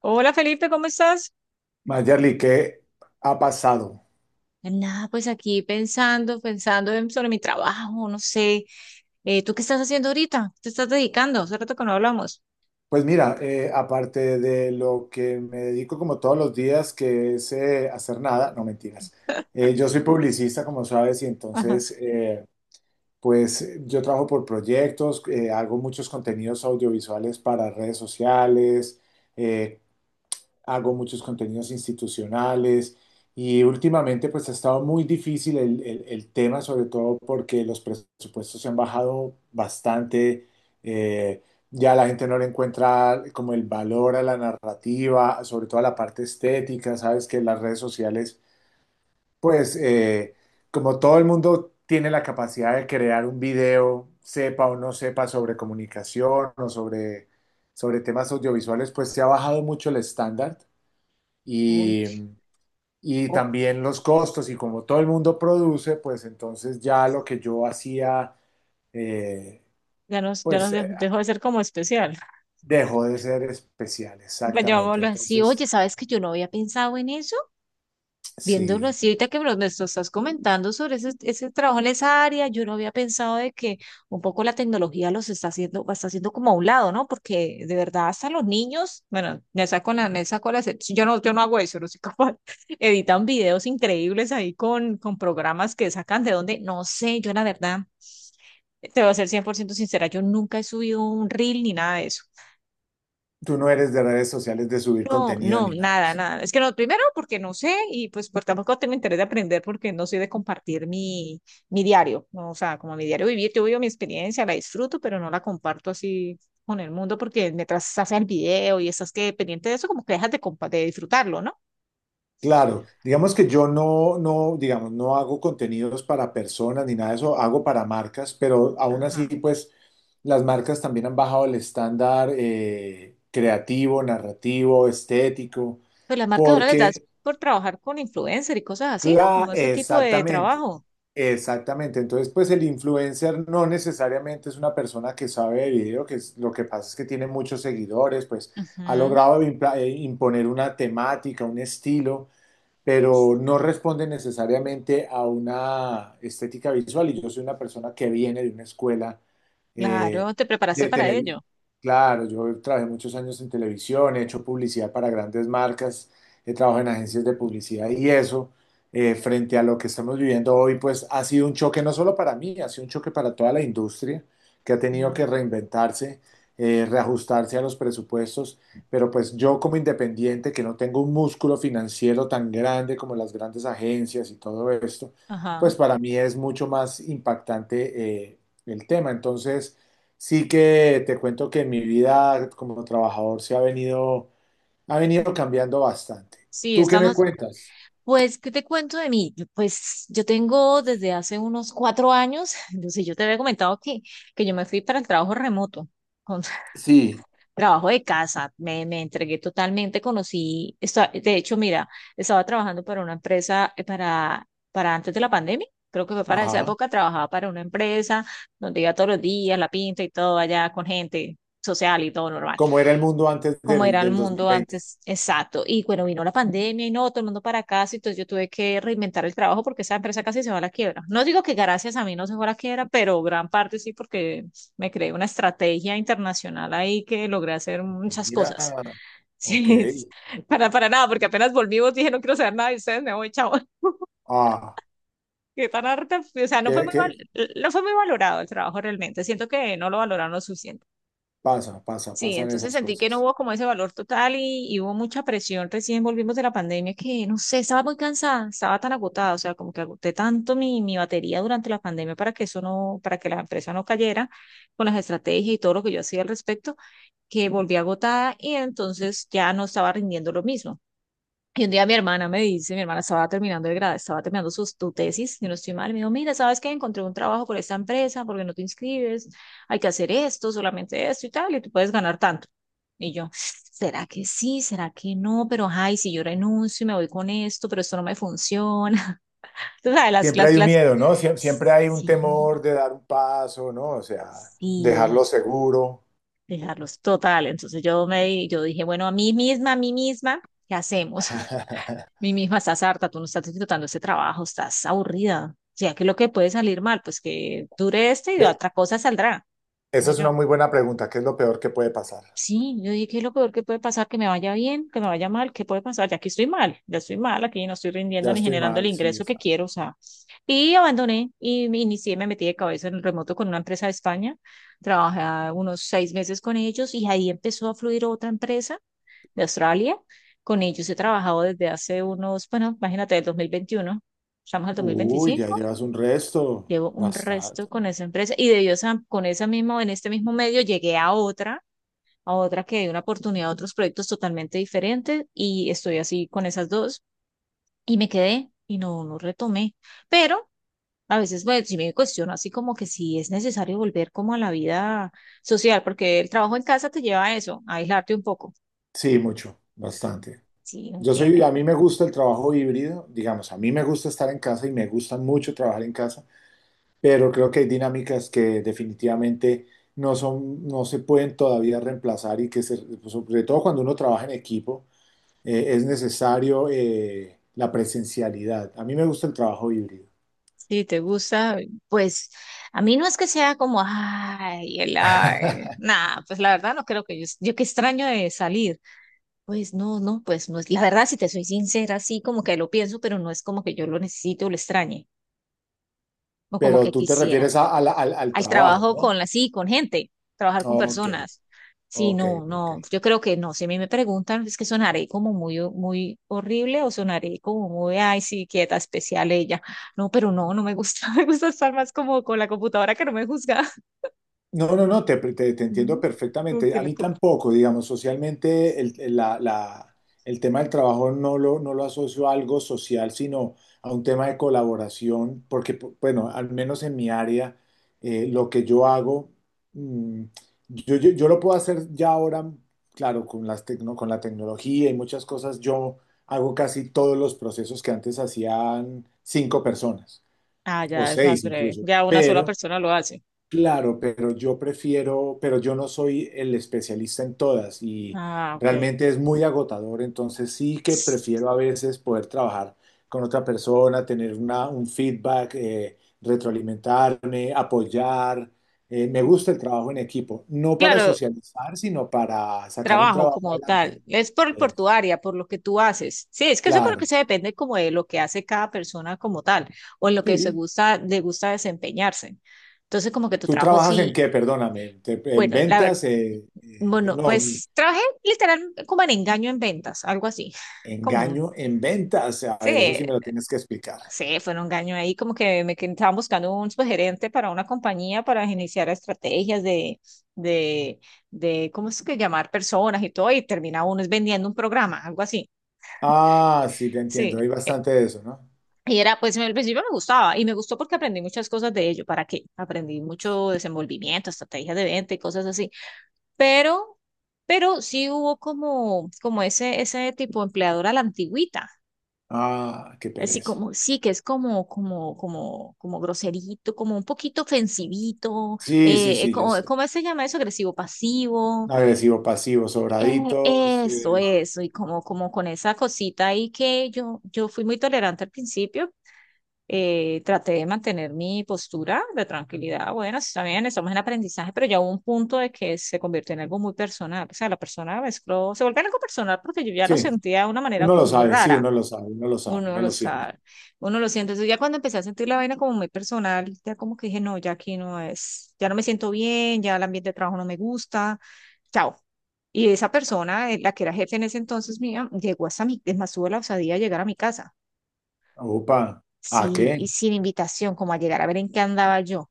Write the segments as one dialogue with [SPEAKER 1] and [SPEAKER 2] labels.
[SPEAKER 1] Hola Felipe, ¿cómo estás?
[SPEAKER 2] Mayerly, ¿qué ha pasado?
[SPEAKER 1] Nada, pues aquí pensando sobre mi trabajo, no sé. ¿Tú qué estás haciendo ahorita? ¿Te estás dedicando? Hace rato que no hablamos.
[SPEAKER 2] Pues mira, aparte de lo que me dedico como todos los días, que es hacer nada, no mentiras. Yo soy publicista, como sabes, y
[SPEAKER 1] Ajá.
[SPEAKER 2] entonces, pues yo trabajo por proyectos, hago muchos contenidos audiovisuales para redes sociales, eh, hago muchos contenidos institucionales y últimamente pues ha estado muy difícil el tema, sobre todo porque los presupuestos se han bajado bastante, eh, ya la gente no le encuentra como el valor a la narrativa, sobre todo a la parte estética, sabes que las redes sociales pues, como todo el mundo tiene la capacidad de crear un video, sepa o no sepa sobre comunicación o sobre temas audiovisuales, pues se ha bajado mucho el estándar
[SPEAKER 1] Uy,
[SPEAKER 2] y, y
[SPEAKER 1] oh,
[SPEAKER 2] también los costos y como todo el mundo produce, pues entonces ya lo que yo hacía, eh,
[SPEAKER 1] ya nos, ya nos
[SPEAKER 2] pues
[SPEAKER 1] de-
[SPEAKER 2] eh,
[SPEAKER 1] dejó de ser como especial.
[SPEAKER 2] dejó de ser especial,
[SPEAKER 1] Pues
[SPEAKER 2] exactamente.
[SPEAKER 1] llamémoslo así. Oye,
[SPEAKER 2] Entonces,
[SPEAKER 1] ¿sabes que yo no había pensado en eso? Viéndolo
[SPEAKER 2] sí,
[SPEAKER 1] así, ahorita que me lo estás comentando sobre ese trabajo en esa área, yo no había pensado de que un poco la tecnología está haciendo como a un lado, ¿no? Porque de verdad hasta los niños, bueno, me saco la, excep- yo no, yo no hago eso, no soy capaz, editan videos increíbles ahí con programas que sacan de donde, no sé, yo la verdad, te voy a ser 100% sincera, yo nunca he subido un reel ni nada de eso.
[SPEAKER 2] tú no eres de redes sociales de subir
[SPEAKER 1] No,
[SPEAKER 2] contenido
[SPEAKER 1] no,
[SPEAKER 2] ni nada. De
[SPEAKER 1] nada,
[SPEAKER 2] eso.
[SPEAKER 1] nada. Es que no, primero porque no sé y pues por tampoco tengo interés de aprender porque no soy de compartir mi diario, ¿no? O sea, como mi diario vivir, yo vivo mi experiencia, la disfruto, pero no la comparto así con el mundo porque mientras haces el video y estás que pendiente de eso, como que dejas de, de disfrutarlo, ¿no?
[SPEAKER 2] Claro, digamos que
[SPEAKER 1] Entonces,
[SPEAKER 2] yo no, no, digamos, no hago contenidos para personas ni nada de eso, hago para marcas, pero aún así,
[SPEAKER 1] ajá.
[SPEAKER 2] pues las marcas también han bajado el estándar creativo, narrativo, estético.
[SPEAKER 1] Pues las marcas ahora les das
[SPEAKER 2] Porque,
[SPEAKER 1] por trabajar con influencer y cosas así, ¿no?
[SPEAKER 2] claro,
[SPEAKER 1] Como ese tipo de trabajo.
[SPEAKER 2] exactamente. Entonces, pues el influencer no necesariamente es una persona que sabe de video, lo que pasa es que tiene muchos seguidores, pues ha
[SPEAKER 1] Ujú.
[SPEAKER 2] logrado imponer una temática, un estilo, pero no responde necesariamente a una estética visual. Y yo soy una persona que viene de una escuela eh,
[SPEAKER 1] Claro, te preparaste
[SPEAKER 2] de
[SPEAKER 1] para
[SPEAKER 2] televisión.
[SPEAKER 1] ello.
[SPEAKER 2] Claro, yo trabajé muchos años en televisión, he hecho publicidad para grandes marcas, he trabajado en agencias de publicidad y eso, frente a lo que estamos viviendo hoy, pues ha sido un choque no solo para mí, ha sido un choque para toda la industria que ha tenido
[SPEAKER 1] Sí.
[SPEAKER 2] que reinventarse, reajustarse a los presupuestos, pero pues yo como independiente, que no tengo un músculo financiero tan grande como las grandes agencias y todo esto,
[SPEAKER 1] Ajá.
[SPEAKER 2] pues para mí es mucho más impactante el tema. Entonces, sí que te cuento que en mi vida como trabajador ha venido cambiando bastante.
[SPEAKER 1] Sí.
[SPEAKER 2] ¿Tú qué me
[SPEAKER 1] estamos
[SPEAKER 2] cuentas?
[SPEAKER 1] Pues, ¿qué te cuento de mí? Pues yo tengo desde hace unos 4 años, no sé, yo te había comentado que yo me fui para el trabajo remoto, con
[SPEAKER 2] Sí.
[SPEAKER 1] trabajo de casa, me entregué totalmente, conocí, de hecho, mira, estaba trabajando para una empresa, para antes de la pandemia, creo que fue para esa
[SPEAKER 2] Ajá.
[SPEAKER 1] época, trabajaba para una empresa donde iba todos los días, la pinta y todo allá con gente social y todo normal
[SPEAKER 2] ¿Cómo era el mundo antes
[SPEAKER 1] como
[SPEAKER 2] del,
[SPEAKER 1] era el
[SPEAKER 2] del dos mil
[SPEAKER 1] mundo
[SPEAKER 2] veinte
[SPEAKER 1] antes, exacto. Y bueno, vino la pandemia y no, todo el mundo para casa, entonces yo tuve que reinventar el trabajo porque esa empresa casi se va a la quiebra. No digo que gracias a mí no se fue a la quiebra, pero gran parte sí porque me creé una estrategia internacional ahí que logré hacer muchas
[SPEAKER 2] Mira,
[SPEAKER 1] cosas.
[SPEAKER 2] ok.
[SPEAKER 1] Sí, para nada, porque apenas volvimos dije, no quiero saber nada de ustedes, me voy, chao.
[SPEAKER 2] Ah,
[SPEAKER 1] Que tan harta, o sea,
[SPEAKER 2] ¿qué, qué
[SPEAKER 1] no fue muy valorado el trabajo realmente. Siento que no lo valoraron lo suficiente.
[SPEAKER 2] pasa? Pasa,
[SPEAKER 1] Sí,
[SPEAKER 2] pasan
[SPEAKER 1] entonces
[SPEAKER 2] esas
[SPEAKER 1] sentí que no
[SPEAKER 2] cosas.
[SPEAKER 1] hubo como ese valor total y hubo mucha presión. Recién volvimos de la pandemia que, no sé, estaba muy cansada, estaba tan agotada, o sea, como que agoté tanto mi batería durante la pandemia para que la empresa no cayera con las estrategias y todo lo que yo hacía al respecto, que volví agotada y entonces ya no estaba rindiendo lo mismo. Y un día mi hermana me dice, mi hermana estaba terminando de grado, estaba terminando sus, tu tesis, y no estoy mal, me dijo, mira, ¿sabes qué? Encontré un trabajo por esta empresa, porque no te inscribes, hay que hacer esto, solamente esto y tal, y tú puedes ganar tanto. Y yo, ¿será que sí? ¿Será que no? Pero, ay, si yo renuncio y me voy con esto, pero esto no me funciona. Tú sabes, las,
[SPEAKER 2] Siempre
[SPEAKER 1] las,
[SPEAKER 2] hay un
[SPEAKER 1] las,
[SPEAKER 2] miedo, ¿no? Siempre hay un
[SPEAKER 1] sí,
[SPEAKER 2] temor de dar un paso, ¿no? O sea,
[SPEAKER 1] sí,
[SPEAKER 2] dejarlo seguro.
[SPEAKER 1] dejarlos total. Entonces yo dije, bueno, a mí misma, ¿qué hacemos? Mi hija, estás harta, tú no estás disfrutando este trabajo, estás aburrida. Ya que lo que puede salir mal, pues que dure este y
[SPEAKER 2] Eh,
[SPEAKER 1] otra cosa saldrá.
[SPEAKER 2] Esa
[SPEAKER 1] Dije
[SPEAKER 2] es
[SPEAKER 1] yo,
[SPEAKER 2] una muy buena pregunta. ¿Qué es lo peor que puede pasar?
[SPEAKER 1] sí, yo dije, ¿qué es lo peor que puede pasar? Que me vaya bien, que me vaya mal, ¿qué puede pasar? Ya aquí estoy mal, ya estoy mal, aquí no estoy rindiendo
[SPEAKER 2] Ya
[SPEAKER 1] ni
[SPEAKER 2] estoy
[SPEAKER 1] generando el
[SPEAKER 2] mal, sí.
[SPEAKER 1] ingreso que quiero, o sea. Y abandoné y me inicié, me metí de cabeza en el remoto con una empresa de España. Trabajé unos 6 meses con ellos y ahí empezó a fluir otra empresa de Australia. Con ellos he trabajado desde hace unos, bueno, imagínate, del 2021, estamos al dos mil
[SPEAKER 2] Uy, ya
[SPEAKER 1] veinticinco
[SPEAKER 2] llevas un resto.
[SPEAKER 1] llevo un resto
[SPEAKER 2] Bastante.
[SPEAKER 1] con esa empresa y de ellos con esa misma, en este mismo medio llegué a otra que dio una oportunidad a otros proyectos totalmente diferentes y estoy así con esas dos y me quedé y no, no retomé. Pero a veces, bueno, sí me cuestiono así como que si es necesario volver como a la vida social, porque el trabajo en casa te lleva a eso, a aislarte un poco.
[SPEAKER 2] Sí, mucho, bastante.
[SPEAKER 1] Sí, no
[SPEAKER 2] Yo soy,
[SPEAKER 1] tiene,
[SPEAKER 2] a mí me gusta el trabajo híbrido, digamos, a mí me gusta estar en casa y me gusta mucho trabajar en casa, pero creo que hay dinámicas que definitivamente no son, no se pueden todavía reemplazar y sobre todo cuando uno trabaja en equipo es necesario la presencialidad. A mí me gusta el trabajo híbrido,
[SPEAKER 1] si te gusta, pues a mí no es que sea como, ay, nada, pues la verdad no creo que yo qué extraño de salir. Pues no, no, pues no es, la verdad, si te soy sincera, sí, como que lo pienso, pero no es como que yo lo necesite o lo extrañe, o como
[SPEAKER 2] pero
[SPEAKER 1] que
[SPEAKER 2] tú te
[SPEAKER 1] quisiera
[SPEAKER 2] refieres al
[SPEAKER 1] al
[SPEAKER 2] trabajo,
[SPEAKER 1] trabajo
[SPEAKER 2] ¿no?
[SPEAKER 1] con la, sí, con gente, trabajar con
[SPEAKER 2] Ok,
[SPEAKER 1] personas. Sí,
[SPEAKER 2] ok,
[SPEAKER 1] no,
[SPEAKER 2] ok.
[SPEAKER 1] no, yo creo que no, si a mí me preguntan, es que sonaré como muy, muy horrible o sonaré como muy, ay, sí, quieta, especial ella. No, pero no, no me gusta, me gusta estar más como con la computadora que no me juzga.
[SPEAKER 2] No, no, no, te
[SPEAKER 1] Mm,
[SPEAKER 2] entiendo
[SPEAKER 1] como
[SPEAKER 2] perfectamente.
[SPEAKER 1] que
[SPEAKER 2] A
[SPEAKER 1] la
[SPEAKER 2] mí
[SPEAKER 1] co-
[SPEAKER 2] tampoco, digamos, socialmente el tema del trabajo no lo, no lo asocio a algo social, sino a un tema de colaboración, porque, bueno, al menos en mi área, lo que yo hago, mm, yo lo puedo hacer ya ahora, claro, con con la tecnología y muchas cosas, yo hago casi todos los procesos que antes hacían cinco personas,
[SPEAKER 1] Ah,
[SPEAKER 2] o
[SPEAKER 1] ya es más
[SPEAKER 2] seis
[SPEAKER 1] breve,
[SPEAKER 2] incluso,
[SPEAKER 1] ya una sola
[SPEAKER 2] pero...
[SPEAKER 1] persona lo hace.
[SPEAKER 2] Claro, pero yo prefiero, pero yo no soy el especialista en todas y
[SPEAKER 1] Ah, ok.
[SPEAKER 2] realmente es muy agotador, entonces sí que prefiero a veces poder trabajar con otra persona, tener un feedback, retroalimentarme, apoyar. Me gusta el trabajo en equipo, no para
[SPEAKER 1] Claro,
[SPEAKER 2] socializar, sino para sacar un
[SPEAKER 1] trabajo
[SPEAKER 2] trabajo
[SPEAKER 1] como
[SPEAKER 2] adelante.
[SPEAKER 1] tal, es por tu
[SPEAKER 2] Eso,
[SPEAKER 1] área, por lo que tú haces. Sí, es que yo creo que
[SPEAKER 2] claro,
[SPEAKER 1] eso depende como de lo que hace cada persona como tal o en lo que se
[SPEAKER 2] sí.
[SPEAKER 1] gusta, le gusta desempeñarse. Entonces, como que tu
[SPEAKER 2] ¿Tú
[SPEAKER 1] trabajo
[SPEAKER 2] trabajas en
[SPEAKER 1] sí,
[SPEAKER 2] qué? Perdóname, ¿te- en
[SPEAKER 1] bueno, la verdad,
[SPEAKER 2] ventas?
[SPEAKER 1] bueno,
[SPEAKER 2] No.
[SPEAKER 1] pues trabajé literal como en engaño en ventas, algo así, como un,
[SPEAKER 2] Engaño en ventas. A ver, eso
[SPEAKER 1] sí,
[SPEAKER 2] sí me lo tienes que explicar.
[SPEAKER 1] sí, fue un engaño ahí, como que me que estaban buscando un subgerente para una compañía para iniciar estrategias de, de, ¿cómo es que llamar personas y todo? Y termina uno es vendiendo un programa, algo así.
[SPEAKER 2] Ah, sí, te entiendo.
[SPEAKER 1] Sí.
[SPEAKER 2] Hay bastante de eso, ¿no?
[SPEAKER 1] Y era, pues en el principio me gustaba y me gustó porque aprendí muchas cosas de ello. ¿Para qué? Aprendí mucho desenvolvimiento, estrategias de venta y cosas así. Pero, pero, sí hubo como ese tipo de empleador a la antigüita.
[SPEAKER 2] Ah, qué
[SPEAKER 1] Así
[SPEAKER 2] pereza.
[SPEAKER 1] como, sí, que es como groserito, como un poquito ofensivito,
[SPEAKER 2] Sí, sí, sí, yo sé.
[SPEAKER 1] ¿cómo se llama eso? Agresivo pasivo,
[SPEAKER 2] Agresivo, pasivo,
[SPEAKER 1] eh,
[SPEAKER 2] sobradito.
[SPEAKER 1] eso,
[SPEAKER 2] Sí, sí.
[SPEAKER 1] eso, y como con esa cosita ahí que yo fui muy tolerante al principio, traté de mantener mi postura de tranquilidad. Bueno, está bien, estamos en aprendizaje, pero ya hubo un punto de que se convirtió en algo muy personal. O sea, la persona mezcló, se volvió algo personal porque yo ya lo
[SPEAKER 2] Sí,
[SPEAKER 1] sentía de una manera
[SPEAKER 2] uno lo
[SPEAKER 1] como muy
[SPEAKER 2] sabe, sí,
[SPEAKER 1] rara.
[SPEAKER 2] uno lo sabe, uno lo sabe,
[SPEAKER 1] Uno
[SPEAKER 2] uno
[SPEAKER 1] lo
[SPEAKER 2] lo siente.
[SPEAKER 1] sabe, uno lo siente. Entonces ya cuando empecé a sentir la vaina como muy personal, ya como que dije, no, ya aquí no es, ya no me siento bien, ya el ambiente de trabajo no me gusta, chao. Y esa persona, la que era jefe en ese entonces mía, llegó hasta mi, es más, tuvo la osadía de llegar a mi casa
[SPEAKER 2] Upa, ¿a
[SPEAKER 1] sí,
[SPEAKER 2] qué?
[SPEAKER 1] y sin invitación, como a llegar a ver en qué andaba yo.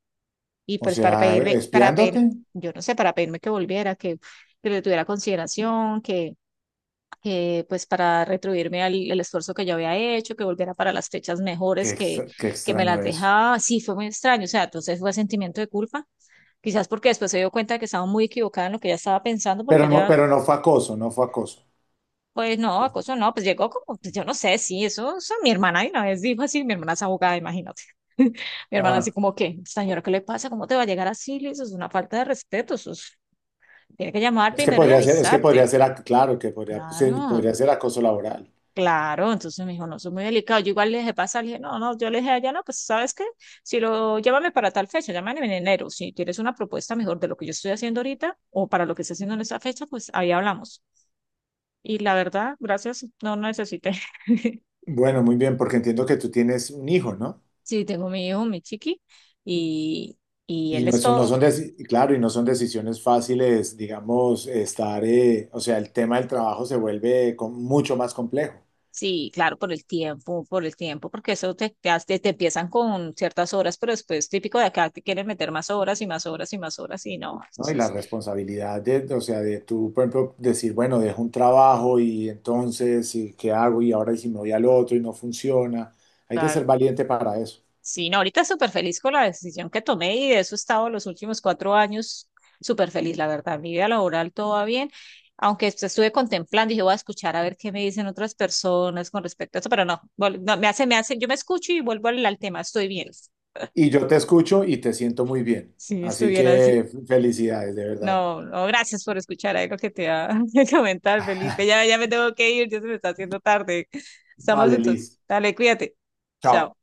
[SPEAKER 1] Y
[SPEAKER 2] O
[SPEAKER 1] pues para
[SPEAKER 2] sea,
[SPEAKER 1] pedirme, para pedir,
[SPEAKER 2] espiándote.
[SPEAKER 1] yo no sé, para pedirme que volviera, que le tuviera consideración, que pues para retribuirme al, el esfuerzo que yo había hecho, que volviera para las fechas mejores
[SPEAKER 2] Qué,
[SPEAKER 1] que,
[SPEAKER 2] qué
[SPEAKER 1] que me
[SPEAKER 2] extraño
[SPEAKER 1] las
[SPEAKER 2] eso.
[SPEAKER 1] dejaba. Sí, fue muy extraño. O sea, entonces fue sentimiento de culpa. Quizás porque después se dio cuenta de que estaba muy equivocada en lo que ella estaba pensando, porque ella
[SPEAKER 2] Pero no fue acoso, no fue acoso.
[SPEAKER 1] pues no, acoso no, pues llegó como, pues yo no sé, sí, eso mi hermana de una vez dijo así, mi hermana es abogada, imagínate. Mi hermana así
[SPEAKER 2] Ah,
[SPEAKER 1] como que, señora, ¿qué le pasa? ¿Cómo te va a llegar así? Le dice, eso es una falta de respeto, tiene que llamar
[SPEAKER 2] es que
[SPEAKER 1] primero y
[SPEAKER 2] podría ser, es que podría
[SPEAKER 1] avisarte.
[SPEAKER 2] ser, claro, que podría, sí,
[SPEAKER 1] Claro,
[SPEAKER 2] podría ser acoso laboral.
[SPEAKER 1] claro, entonces me dijo, no, eso es muy delicado. Yo igual le dije, pasa, le dije, no, no, yo le dije allá, no, pues ¿sabes qué? Si lo, llámame para tal fecha, llámame en enero, si tienes una propuesta mejor de lo que yo estoy haciendo ahorita o para lo que estoy haciendo en esa fecha, pues ahí hablamos. Y la verdad, gracias, no necesité.
[SPEAKER 2] Bueno, muy bien, porque entiendo que tú tienes un hijo, ¿no?
[SPEAKER 1] Sí, tengo mi hijo, mi chiqui, y, y
[SPEAKER 2] Y
[SPEAKER 1] él
[SPEAKER 2] no,
[SPEAKER 1] es
[SPEAKER 2] eso no
[SPEAKER 1] todo.
[SPEAKER 2] son, claro, y no son decisiones fáciles, digamos, estar, o sea, el tema del trabajo se vuelve mucho más complejo,
[SPEAKER 1] Sí, claro, por el tiempo, porque eso te empiezan con ciertas horas, pero después típico de acá te quieren meter más horas y más horas y más horas y no.
[SPEAKER 2] ¿no? Y la
[SPEAKER 1] Entonces,
[SPEAKER 2] responsabilidad de, o sea, de tú, por ejemplo, decir, bueno, dejo un trabajo y entonces, ¿qué hago? Y ahora, ¿y si me voy al otro y no funciona? Hay que
[SPEAKER 1] claro,
[SPEAKER 2] ser valiente para eso.
[SPEAKER 1] sí, no, ahorita súper feliz con la decisión que tomé y de eso he estado los últimos 4 años súper feliz, la verdad. Mi vida laboral todo va bien, aunque estuve contemplando, y dije, voy a escuchar a ver qué me dicen otras personas con respecto a eso, pero no, no, me hace, yo me escucho y vuelvo al tema, estoy bien.
[SPEAKER 2] Y yo te escucho y te siento muy bien.
[SPEAKER 1] Si
[SPEAKER 2] Así
[SPEAKER 1] estuviera así.
[SPEAKER 2] que felicidades, de verdad.
[SPEAKER 1] No, no, gracias por escuchar algo que te va a comentar, Felipe. Ya, ya me tengo que ir, ya se me está haciendo tarde. Estamos
[SPEAKER 2] Vale,
[SPEAKER 1] entonces.
[SPEAKER 2] Liz.
[SPEAKER 1] Dale, cuídate. Chao.
[SPEAKER 2] Chao.